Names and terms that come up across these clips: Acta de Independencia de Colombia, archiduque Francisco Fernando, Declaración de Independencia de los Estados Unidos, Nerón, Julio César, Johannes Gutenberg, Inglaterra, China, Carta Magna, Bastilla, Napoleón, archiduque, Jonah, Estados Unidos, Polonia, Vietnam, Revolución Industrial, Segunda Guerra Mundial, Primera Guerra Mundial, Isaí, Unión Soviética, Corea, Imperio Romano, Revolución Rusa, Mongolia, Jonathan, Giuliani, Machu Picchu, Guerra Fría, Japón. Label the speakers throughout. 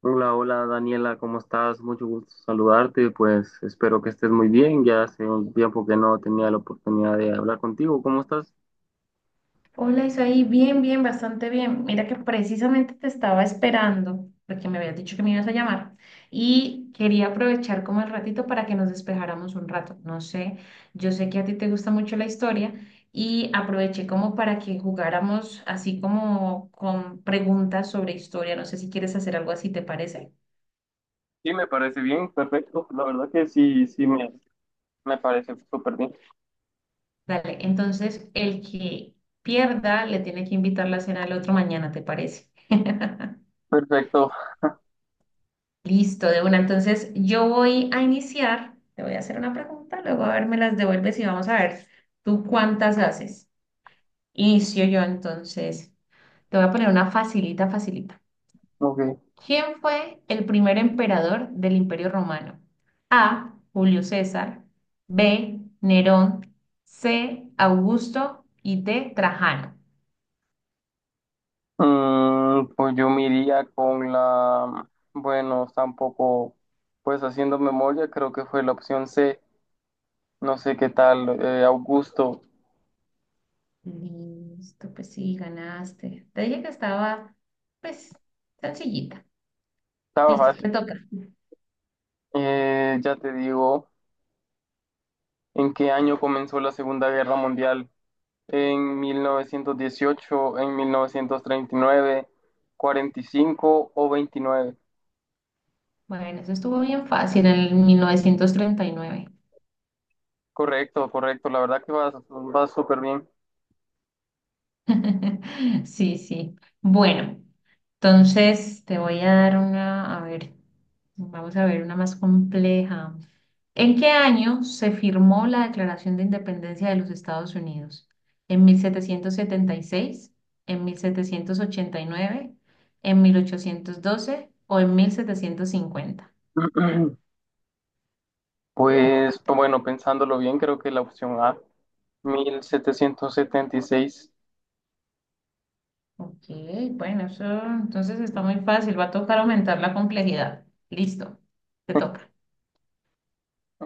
Speaker 1: Hola, hola Daniela, ¿cómo estás? Mucho gusto saludarte, pues espero que estés muy bien. Ya hace un tiempo que no tenía la oportunidad de hablar contigo. ¿Cómo estás?
Speaker 2: Hola Isaí, bien, bien, bastante bien. Mira que precisamente te estaba esperando porque me habías dicho que me ibas a llamar y quería aprovechar como el ratito para que nos despejáramos un rato. No sé, yo sé que a ti te gusta mucho la historia y aproveché como para que jugáramos así como con preguntas sobre historia. No sé si quieres hacer algo así, ¿te parece?
Speaker 1: Sí, me parece bien, perfecto. La verdad que sí, sí, me parece súper bien.
Speaker 2: Dale, entonces el que pierda le tiene que invitar la cena del otro mañana, ¿te parece?
Speaker 1: Perfecto,
Speaker 2: Listo, de una. Entonces, yo voy a iniciar. Te voy a hacer una pregunta, luego a ver, me las devuelves y vamos a ver tú cuántas haces. Inicio yo entonces. Te voy a poner una facilita, facilita.
Speaker 1: ok.
Speaker 2: ¿Quién fue el primer emperador del Imperio Romano? A. Julio César. B. Nerón. C. Augusto. Y D. Trajano.
Speaker 1: Mm, pues yo me iría con la, bueno, está un poco, pues haciendo memoria, creo que fue la opción C. No sé qué tal, Augusto.
Speaker 2: Listo, pues sí, ganaste. Te dije que estaba, pues, sencillita.
Speaker 1: Estaba
Speaker 2: Listo, te
Speaker 1: fácil.
Speaker 2: toca.
Speaker 1: Ya te digo. ¿En qué año comenzó la Segunda Guerra Mundial? ¿En 1918, en mil novecientos treinta y nueve, cuarenta y cinco o 29.
Speaker 2: Bueno, eso estuvo bien fácil, en el 1939.
Speaker 1: Correcto, correcto. La verdad que vas, vas súper bien.
Speaker 2: Sí, sí. Bueno, entonces te voy a dar una, a ver, vamos a ver una más compleja. ¿En qué año se firmó la Declaración de Independencia de los Estados Unidos? ¿En 1776, en 1789, en 1812 o en 1750?
Speaker 1: Pues bueno, pensándolo bien, creo que la opción A, 1776.
Speaker 2: Ok, bueno, eso entonces está muy fácil. Va a tocar aumentar la complejidad. Listo, te toca.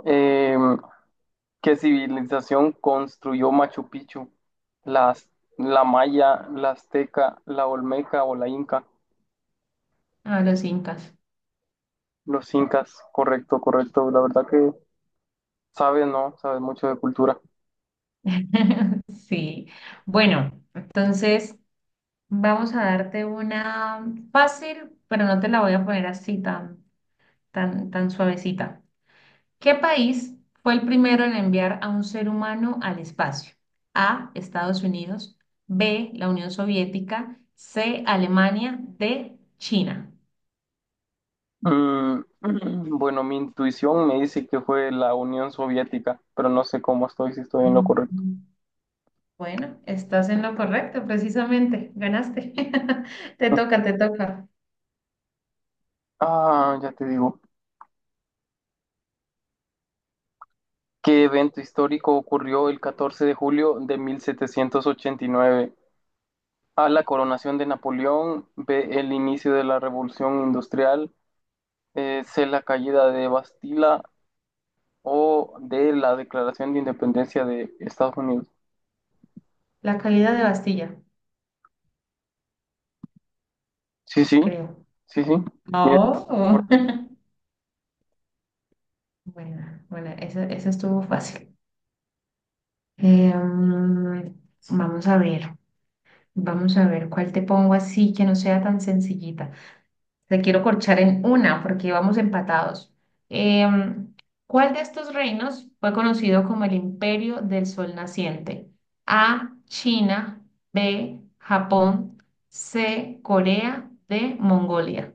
Speaker 1: Eh, ¿Qué civilización construyó Machu Picchu? ¿La la maya, la azteca, la olmeca o la inca?
Speaker 2: A los incas.
Speaker 1: Los incas, correcto, correcto. La verdad que sabes, ¿no? Sabes mucho de cultura.
Speaker 2: Sí. Bueno, entonces vamos a darte una fácil, pero no te la voy a poner así tan, tan, tan suavecita. ¿Qué país fue el primero en enviar a un ser humano al espacio? A, Estados Unidos. B, la Unión Soviética. C, Alemania. D, China.
Speaker 1: Mm, bueno, mi intuición me dice que fue la Unión Soviética, pero no sé cómo estoy, si estoy en lo correcto.
Speaker 2: Mm. Bueno, estás en lo correcto, precisamente. Ganaste. Te toca, te toca.
Speaker 1: Ah, ya te digo. ¿Qué evento histórico ocurrió el 14 de julio de 1789? A, la coronación de Napoleón, B, el inicio de la Revolución Industrial, C, la caída de Bastila o D, la declaración de independencia de Estados Unidos.
Speaker 2: La caída de Bastilla,
Speaker 1: Sí, sí,
Speaker 2: creo.
Speaker 1: sí, sí. Mira,
Speaker 2: Oh. Bueno, bueno, esa estuvo fácil. Eh, mm, vamos a ver, vamos a ver cuál te pongo así que no sea tan sencillita. Te quiero corchar en una porque íbamos empatados. Em, ¿cuál de estos reinos fue conocido como el Imperio del Sol Naciente? A, China. B, Japón. C, Corea. D, Mongolia.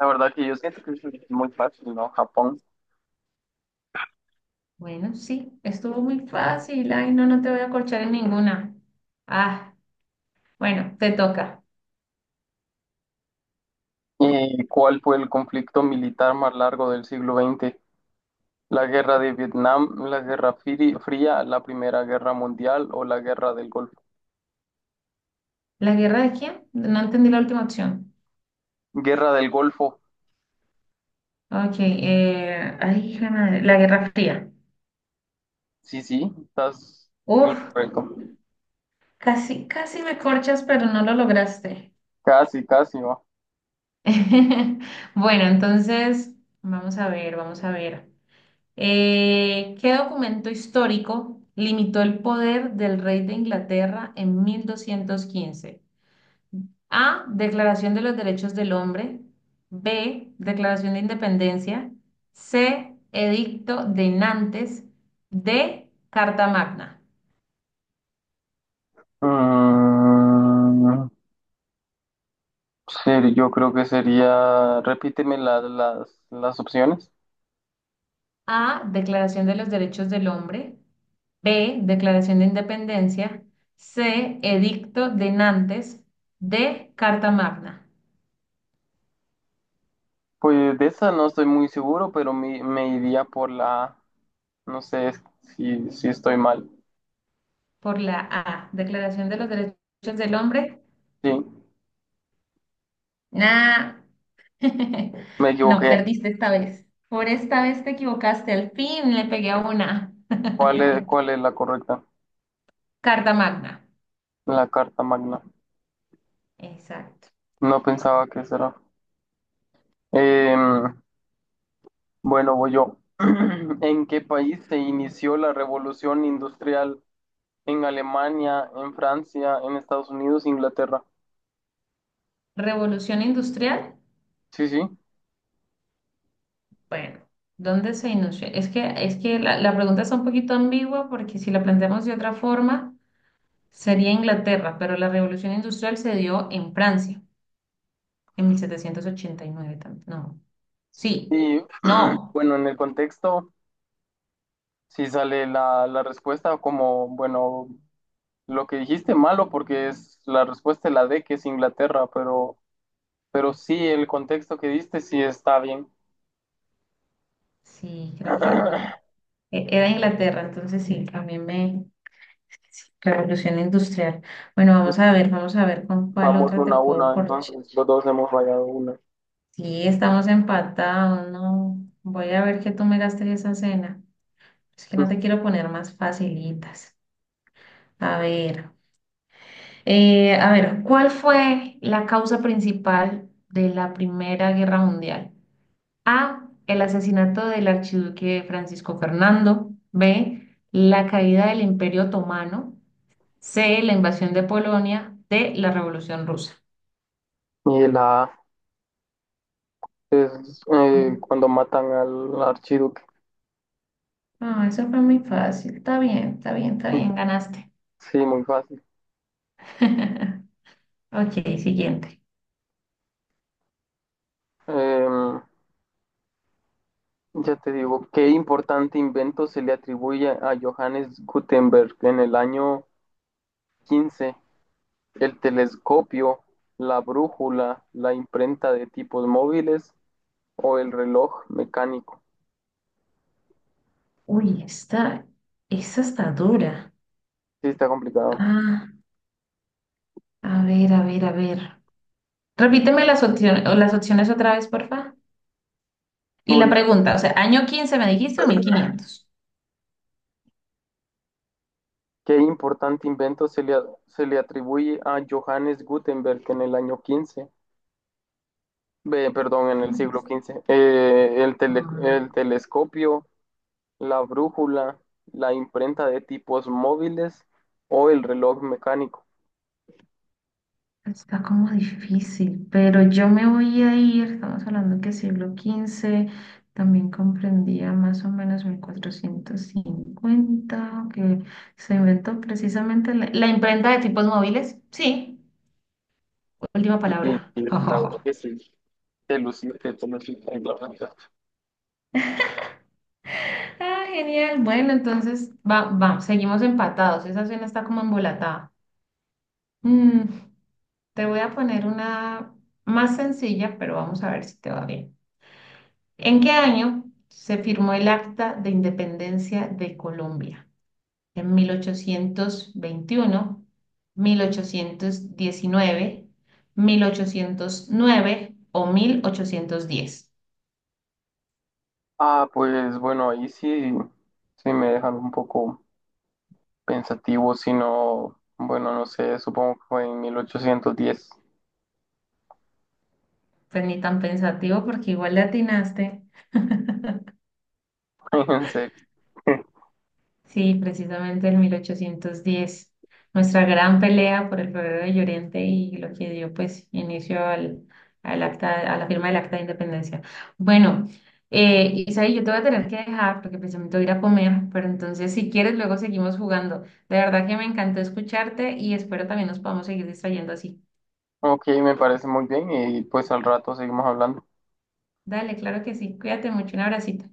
Speaker 1: la verdad que yo siento que es muy fácil, ¿no? Japón.
Speaker 2: Bueno, sí, estuvo muy fácil. Ay, no, no te voy a corchar en ninguna. Ah, bueno, te toca.
Speaker 1: ¿Y cuál fue el conflicto militar más largo del siglo XX? ¿La guerra de Vietnam, fría, la Primera Guerra Mundial o la guerra del Golfo?
Speaker 2: ¿La guerra de quién? No entendí la última opción.
Speaker 1: Guerra del Golfo.
Speaker 2: Ok, ay, hija de madre, la Guerra Fría.
Speaker 1: Sí, sí, estás en lo
Speaker 2: Uf.
Speaker 1: correcto.
Speaker 2: Casi, casi me corchas, pero no lo lograste.
Speaker 1: Casi, casi, ¿no?
Speaker 2: Bueno, entonces, vamos a ver, vamos a ver. ¿Qué documento histórico limitó el poder del rey de Inglaterra en 1215? A. Declaración de los Derechos del Hombre. B. Declaración de Independencia. C. Edicto de Nantes. D. Carta Magna.
Speaker 1: Mm, sí, yo creo que sería, las opciones.
Speaker 2: A. Declaración de los Derechos del Hombre. B. Declaración de Independencia. C. Edicto de Nantes. D. Carta Magna.
Speaker 1: Pues de esa no estoy muy seguro, pero me iría por la. No sé si, si estoy mal.
Speaker 2: Por la A. Declaración de los Derechos del Hombre.
Speaker 1: Sí,
Speaker 2: Nah.
Speaker 1: me
Speaker 2: No,
Speaker 1: equivoqué.
Speaker 2: perdiste esta vez. Por esta vez te equivocaste. Al fin le pegué a una.
Speaker 1: Cuál es la correcta?
Speaker 2: Carta Magna.
Speaker 1: La Carta Magna.
Speaker 2: Exacto.
Speaker 1: No pensaba que será. Em, bueno, voy yo. ¿En qué país se inició la revolución industrial? ¿En Alemania, en Francia, en Estados Unidos, Inglaterra?
Speaker 2: Revolución Industrial.
Speaker 1: Sí, sí.
Speaker 2: Bueno, ¿dónde se inició? Es que la pregunta está un poquito ambigua porque si la planteamos de otra forma. Sería Inglaterra, pero la revolución industrial se dio en Francia, en 1789 también. No, sí,
Speaker 1: Y
Speaker 2: no,
Speaker 1: bueno, en el contexto, si sale la, la respuesta como, bueno, lo que dijiste malo porque es la respuesta es la D, que es Inglaterra, pero sí, el contexto que diste sí está bien.
Speaker 2: sí, creo que no. Era Inglaterra, entonces sí, también me... sí, Revolución industrial. Bueno, vamos a ver con cuál
Speaker 1: Vamos
Speaker 2: otra te
Speaker 1: una a
Speaker 2: puedo
Speaker 1: una,
Speaker 2: forchar.
Speaker 1: entonces los dos hemos fallado una.
Speaker 2: Sí, estamos empatados, no. Voy a ver que tú me gastes esa cena. Es que no te quiero poner más facilitas. A ver. A ver, ¿cuál fue la causa principal de la Primera Guerra Mundial? A, el asesinato del archiduque Francisco Fernando. B, la caída del Imperio Otomano. C, la invasión de Polonia. D, la Revolución Rusa.
Speaker 1: Y la A es
Speaker 2: Bu-
Speaker 1: cuando matan al archiduque.
Speaker 2: Ah, eso fue muy fácil. Está bien, está bien, está bien, ganaste.
Speaker 1: Sí, muy fácil.
Speaker 2: Ok, siguiente.
Speaker 1: Em, ya te digo, ¿qué importante invento se le atribuye a Johannes Gutenberg en el año quince? El telescopio, la brújula, la imprenta de tipos móviles o el reloj mecánico.
Speaker 2: Uy, esta está dura.
Speaker 1: Sí, está complicado.
Speaker 2: Ah, a ver, a ver, a ver. Repíteme las opciones otra vez, porfa. Y la
Speaker 1: Ahorita,
Speaker 2: pregunta, o sea, ¿año quince me dijiste o 1500?
Speaker 1: ¿qué importante invento se le, se le atribuye a Johannes Gutenberg en el año quince? Ve, perdón, en el siglo quince. Eh,
Speaker 2: Ah,
Speaker 1: el telescopio, la brújula, la imprenta de tipos móviles o el reloj mecánico.
Speaker 2: está como difícil, pero yo me voy a ir. Estamos hablando que siglo quince también comprendía más o menos 1450, que se inventó precisamente la imprenta de tipos móviles. Sí, última palabra.
Speaker 1: Y la verdad que sí, te luciste, tú me hiciste.
Speaker 2: Ah, genial. Bueno, entonces va, va, seguimos empatados. Esa cena está como embolatada. Mm, Te voy a poner una más sencilla, pero vamos a ver si te va bien. ¿En qué año se firmó el Acta de Independencia de Colombia? ¿En mil ochocientos veintiuno, 1819, 1809 o 1810?
Speaker 1: Ah, pues bueno, ahí sí, sí me dejan un poco pensativo, sino, bueno, no sé, supongo que fue en mil ochocientos diez.
Speaker 2: Pues ni tan pensativo porque igual le atinaste.
Speaker 1: En serio.
Speaker 2: Sí, precisamente en 1810, nuestra gran pelea por el Rodeo de Llorente y lo que dio pues inicio al, acta, a la firma del Acta de Independencia. Bueno, Isaí, yo te voy a tener que dejar porque precisamente voy a ir a comer, pero entonces si quieres luego seguimos jugando. De verdad que me encantó escucharte y espero también nos podamos seguir distrayendo así.
Speaker 1: Ok, me parece muy bien y pues al rato seguimos hablando.
Speaker 2: Dale, claro que sí. Cuídate mucho, un abracito.